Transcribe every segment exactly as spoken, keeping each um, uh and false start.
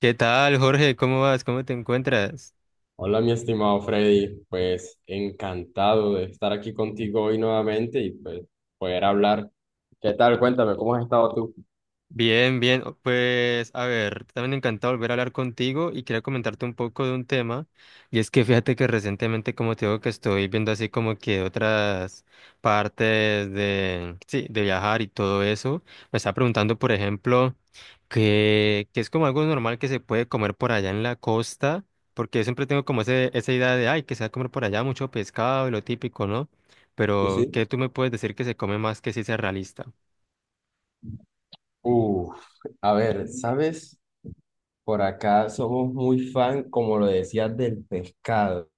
¿Qué tal, Jorge? ¿Cómo vas? ¿Cómo te encuentras? Hola, mi estimado Freddy, pues encantado de estar aquí contigo hoy nuevamente y pues poder hablar. ¿Qué tal? Cuéntame, ¿cómo has estado tú? Bien, bien. o- Pues, a ver, también encantado volver a hablar contigo y quería comentarte un poco de un tema. Y es que fíjate que recientemente, como te digo, que estoy viendo así como que otras partes de, sí, de viajar y todo eso. Me estaba preguntando, por ejemplo, que, que es como algo normal que se puede comer por allá en la costa, porque siempre tengo como ese, esa idea de, ay, que se va a comer por allá mucho pescado y lo típico, ¿no? Sí, Pero, sí. ¿qué tú me puedes decir que se come más que sí sea realista? Uf, a ver, ¿sabes? Por acá somos muy fan, como lo decías, del pescado,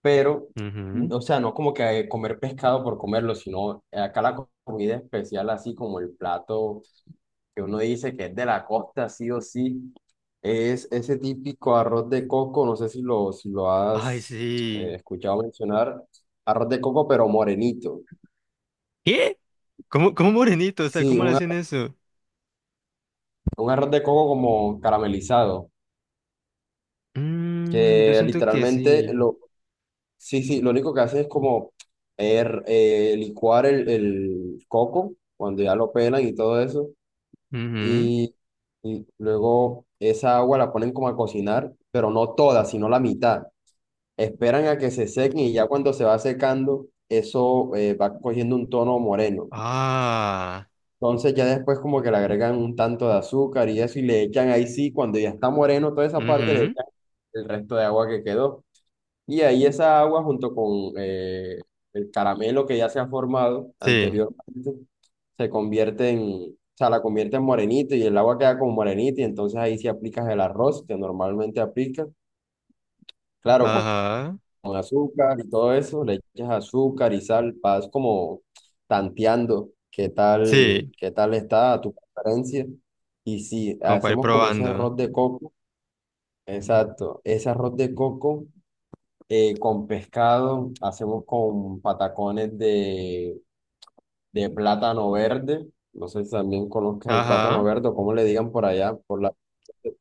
pero, mm, o sea, no como que comer pescado por comerlo, sino acá la comida especial, así como el plato. Que uno dice que es de la costa, sí o sí, es ese típico arroz de coco, no sé si lo, si lo Ay, has eh, sí. escuchado mencionar, arroz de coco pero morenito. ¿Qué? ¿Cómo, cómo morenito? O sea, Sí, ¿cómo le un, hacen ar- eso? un arroz de coco como caramelizado, Mm, yo que siento que literalmente sí. lo, sí, sí, lo único que hace es como er- eh, licuar el, el coco cuando ya lo pelan y todo eso, Ujú. y, y luego esa agua la ponen como a cocinar, pero no toda, sino la mitad. Esperan a que se sequen y ya cuando se va secando, eso eh, va cogiendo un tono moreno. Ah. Entonces ya después como que le agregan un tanto de azúcar y eso y le echan ahí sí, cuando ya está moreno toda esa parte, le Ujú. echan el resto de agua que quedó. Y ahí esa agua junto con eh, el caramelo que ya se ha formado Sí. anteriormente, se convierte en, o sea, la convierte en morenito y el agua queda como morenita y entonces ahí sí aplicas el arroz que normalmente aplicas. Claro, Ajá. con azúcar y todo eso, le echas azúcar y sal, vas como tanteando qué tal, Sí. qué tal está a tu preferencia. Y si Como para ir hacemos como ese probando. arroz de coco, exacto, ese arroz de coco eh, con pescado, hacemos con patacones de, de plátano verde, no sé si también conozcas el plátano Ajá. verde o cómo le digan por allá, por la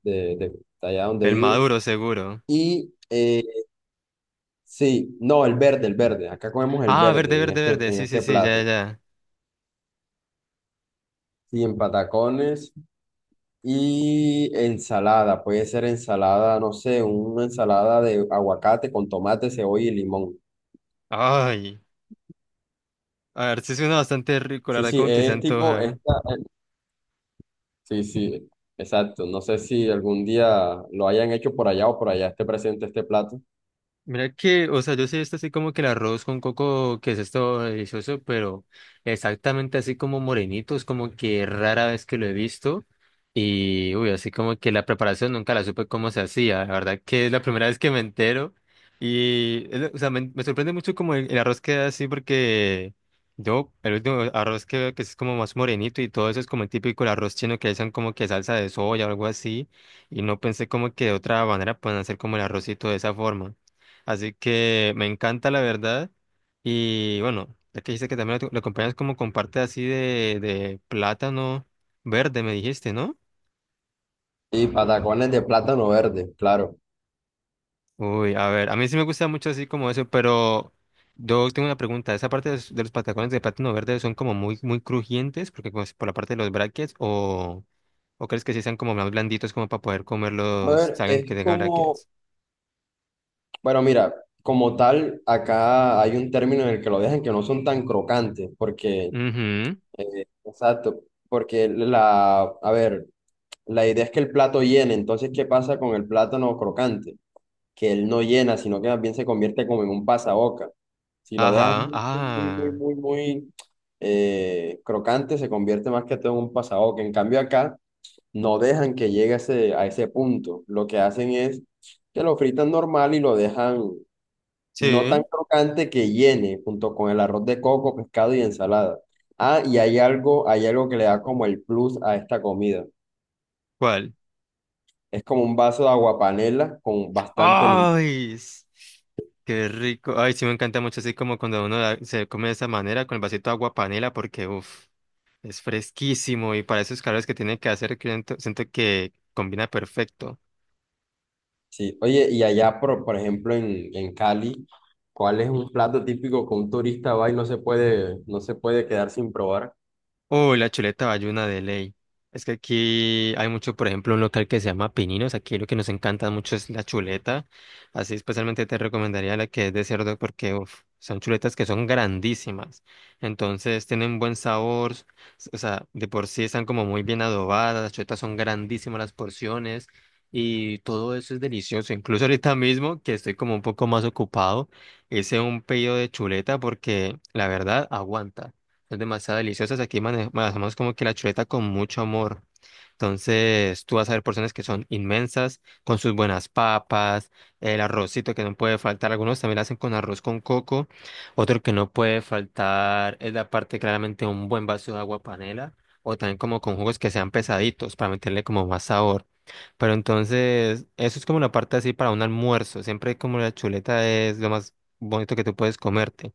de, de- de allá donde El vives. maduro, seguro. Y eh, sí, no, el verde, el verde. Acá comemos el Ah, verde, verde en verde, este, verde. en Sí, sí, este sí, ya, ya, plato. ya. Sí, en patacones y ensalada. Puede ser ensalada, no sé, una ensalada de aguacate con tomate, cebolla y limón. Ay. A ver, sí suena bastante rico, la Sí, verdad, sí, como que se es tipo antoja. esta. eh, Sí, sí, exacto. No sé si algún día lo hayan hecho por allá o por allá esté presente este plato. Mira que, o sea, yo sí he visto así como que el arroz con coco, que es esto delicioso, pero exactamente así como morenitos, como que rara vez que lo he visto. Y, uy, así como que la preparación nunca la supe cómo se hacía. La verdad que es la primera vez que me entero. Y, es lo- o sea, me, me sorprende mucho como el, el arroz queda así porque yo, el último arroz que veo que es como más morenito y todo eso es como el típico el arroz chino que le echan como que salsa de soya o algo así. Y no pensé como que de otra manera pueden hacer como el arrocito de esa forma. Así que me encanta la verdad. Y bueno, ya que dijiste que también lo, lo acompañas como con parte así de, de plátano verde, me dijiste, ¿no? Y patacones de plátano verde, claro. Uy, a ver, a mí sí me gusta mucho así como eso, pero yo tengo una pregunta. ¿Esa parte de los, de los patacones de plátano verde son como muy, muy crujientes? Porque pues por la parte de los brackets, o, o crees que sí sean como más blanditos como para poder A comerlos, ver, salgan es que tengan como brackets? bueno, mira, como tal, acá hay un término en el que lo dejan que no son tan crocantes, porque, Ujú. eh, exacto, porque la, a ver, la idea es que el plato llene, entonces, ¿qué pasa con el plátano crocante? Que él no llena, sino que más bien se convierte como en un pasaboca. Si lo dejas Ajá, muy, muy, muy, ah, muy, muy eh, crocante, se convierte más que todo en un pasaboca. En cambio, acá no dejan que llegue a ese, a ese punto. Lo que hacen es que lo fritan normal y lo dejan no tan sí. crocante que llene, junto con el arroz de coco, pescado y ensalada. Ah, y hay algo, hay algo que le da como el plus a esta comida. ¿Cuál? Es como un vaso de aguapanela con bastante limón. ¡Ay! s- ¡Qué rico! Ay, sí me encanta mucho así como cuando uno la- se come de esa manera con el vasito de agua panela porque, uff, es fresquísimo y para esos calores que tiene que hacer, que siento siento que combina perfecto. Sí. Oye, y allá, por, por ejemplo, en, en Cali, ¿cuál es un plato típico que un turista va y no se puede, no se puede quedar sin probar? Uy, la chuleta bayuna de ley. Es que aquí hay mucho, por ejemplo, un local que se llama Pininos. Aquí lo que nos encanta mucho es la chuleta. Así especialmente te recomendaría la que es de cerdo porque uf, son chuletas que son grandísimas. Entonces tienen buen sabor. s- O sea, de por sí están como muy bien adobadas. Las chuletas son grandísimas las porciones. Y todo eso es delicioso. Incluso ahorita mismo, que estoy como un poco más ocupado, hice un pedido de chuleta porque la verdad aguanta. Son demasiado deliciosas. Aquí mane- manejamos como que la chuleta con mucho amor. Entonces, tú vas a ver porciones que son inmensas, con sus buenas papas, el arrocito que no puede faltar. Algunos también la hacen con arroz con coco. Otro que no puede faltar es la parte claramente un buen vaso de agua panela. O también como con jugos que sean pesaditos para meterle como más sabor. Pero entonces, eso es como la parte así para un almuerzo. Siempre como la chuleta es lo más bonito que tú puedes comerte.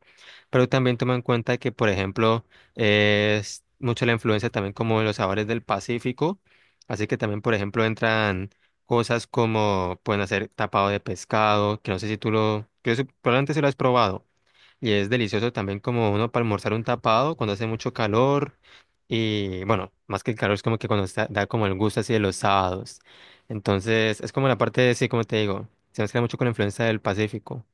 Pero también toma en cuenta que, por ejemplo, es mucho la influencia también como de los sabores del Pacífico. Así que también, por ejemplo, entran cosas como pueden hacer tapado de pescado, que no sé si tú lo, que eso- probablemente si lo has probado. Y es delicioso también como uno para almorzar un tapado cuando hace mucho calor. Y bueno, más que el calor es como que cuando está- da como el gusto así de los sábados. Entonces, es como la parte de, sí, como te digo, se mezcla mucho con la influencia del Pacífico.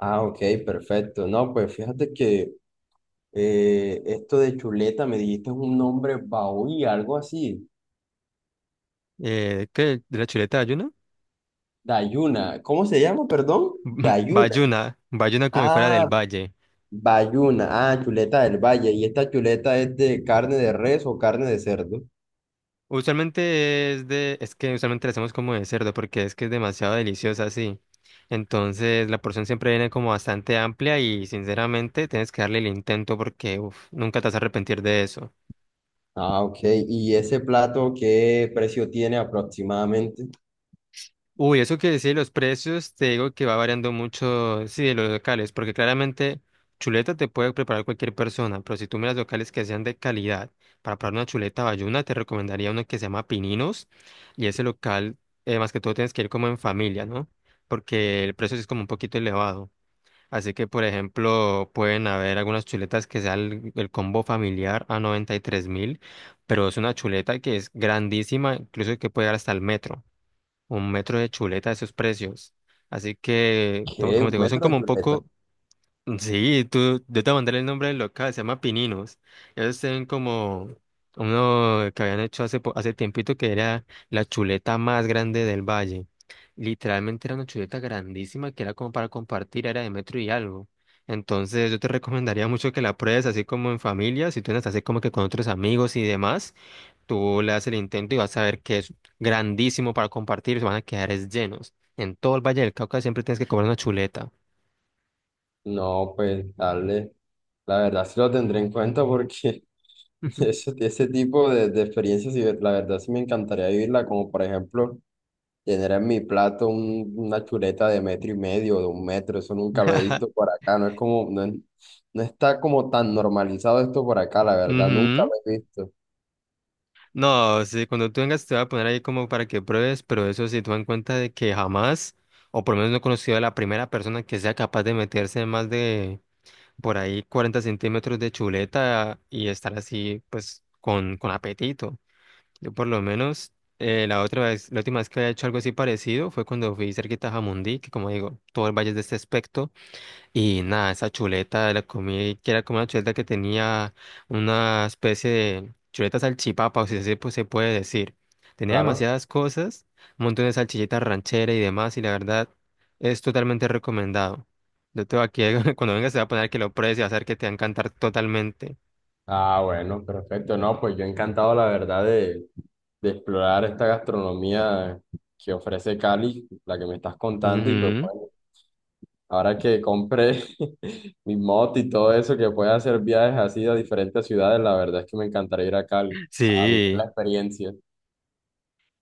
Ah, ok, perfecto. No, pues fíjate que eh, esto de chuleta me dijiste es un nombre baúl, algo así. Eh, ¿qué? ¿De la chuleta de ayuno? Dayuna. ¿Cómo se llama, perdón? Dayuna. Bayuna, Bayuna como si fuera del Ah, valle. bayuna. Ah, chuleta del valle. ¿Y esta chuleta es de carne de res o carne de cerdo? Usualmente es de, es que usualmente la hacemos como de cerdo porque es que es demasiado deliciosa así. Entonces la porción siempre viene como bastante amplia y sinceramente tienes que darle el intento porque uf, nunca te vas a arrepentir de eso. Ah, ok. ¿Y ese plato qué precio tiene aproximadamente? Uy, eso que decía de los precios, te digo que va variando mucho, sí, de los locales, porque claramente chuleta te puede preparar cualquier persona, pero si tú miras locales que sean de calidad, para preparar una chuleta bayuna, te recomendaría uno que se llama Pininos, y ese local, eh, más que todo, tienes que ir como en familia, ¿no? Porque el precio sí es como un poquito elevado. Así que, por ejemplo, pueden haber algunas chuletas que sean el, el combo familiar a 93 mil, pero es una chuleta que es grandísima, incluso que puede llegar hasta el metro un metro de chuleta de esos precios. Así que, to- ¿Qué? como ¿Un te digo, son metro como de un chuleta? poco, sí, tú, yo te mandé el nombre del local, se llama Pininos. Ellos tienen como uno que habían hecho hace, po- hace tiempito que era la chuleta más grande del valle. Literalmente era una chuleta grandísima que era como para compartir, era de metro y algo. Entonces yo te recomendaría mucho que la pruebes así como en familia, si tú andas así como que con otros amigos y demás. Tú le das el intento y vas a ver que es grandísimo para compartir, se van a quedar es llenos. En todo el Valle del Cauca siempre tienes que comer una chuleta. No, pues dale. La verdad sí lo tendré en cuenta porque Ujú. ese, ese tipo de, de experiencias, sí, la verdad sí me encantaría vivirla, como por ejemplo. Tener en mi plato un- una chuleta de metro y medio, de un metro, eso nunca lo he visto por acá, no es como, no, es- no está como tan normalizado esto por acá, la verdad, nunca Ujú. lo he visto. No, sí, cuando tú vengas te voy a poner ahí como para que pruebes, pero eso sí, toma en cuenta de que jamás, o por lo menos no he conocido a la primera persona que sea capaz de meterse más de por ahí cuarenta centímetros de chuleta y estar así, pues, con, con apetito. Yo por lo menos eh, la otra vez, la última vez que había hecho algo así parecido fue cuando fui cerquita a Jamundí, que como digo, todo el valle es de este aspecto, y nada, esa chuleta la comí, que era como una chuleta que tenía una especie de chuleta salchipapa, o si así pues, se puede decir. Tenía Claro. demasiadas cosas, un montón de salchichitas ranchera y demás, y la verdad es totalmente recomendado. Yo te voy aquí, cuando vengas se va a poner que lo pruebes y va a hacer que te va a encantar totalmente. Ah, bueno, perfecto. No, pues yo encantado, la verdad, de, de explorar esta gastronomía que ofrece Cali, la que me estás contando, y pues Ujú. bueno, ahora que compré mi moto y todo eso, que pueda hacer viajes así a diferentes ciudades, la verdad es que me encantaría ir a Cali, a vivir la Sí. experiencia.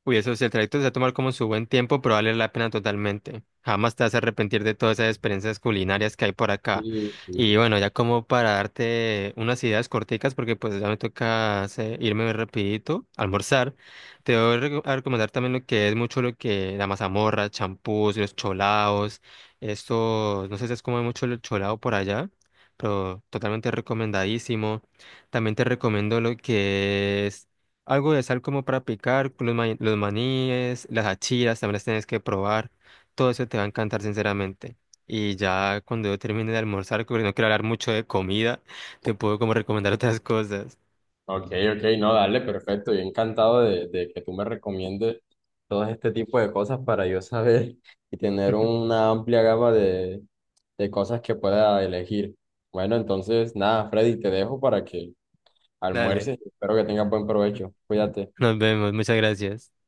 Uy, eso si el trayecto se va a tomar como su buen tiempo, pero vale la pena totalmente. Jamás te vas a arrepentir de todas esas experiencias culinarias que hay por acá. Sí, Y sí. bueno, ya como para darte unas ideas corticas, porque pues ya me toca hacer- irme rapidito, almorzar, te voy a reco- a recomendar también lo que es mucho lo que la mazamorra, champús, los cholaos, esto, no sé si es como mucho el cholao por allá, pero totalmente recomendadísimo. También te recomiendo lo que es algo de sal como para picar, los, ma- los maníes, las achiras, también las tienes que probar. Todo eso te va a encantar, sinceramente. Y ya cuando yo termine de almorzar, porque no quiero hablar mucho de comida, te puedo como recomendar otras cosas. Ok, ok, no, dale, perfecto. Yo encantado de, de que tú me recomiendes todo este tipo de cosas para yo saber y tener una amplia gama de, de cosas que pueda elegir. Bueno, entonces, nada, Freddy, te dejo para que Dale, almuerces. Espero que tengas buen provecho. Cuídate. nos vemos, muchas gracias.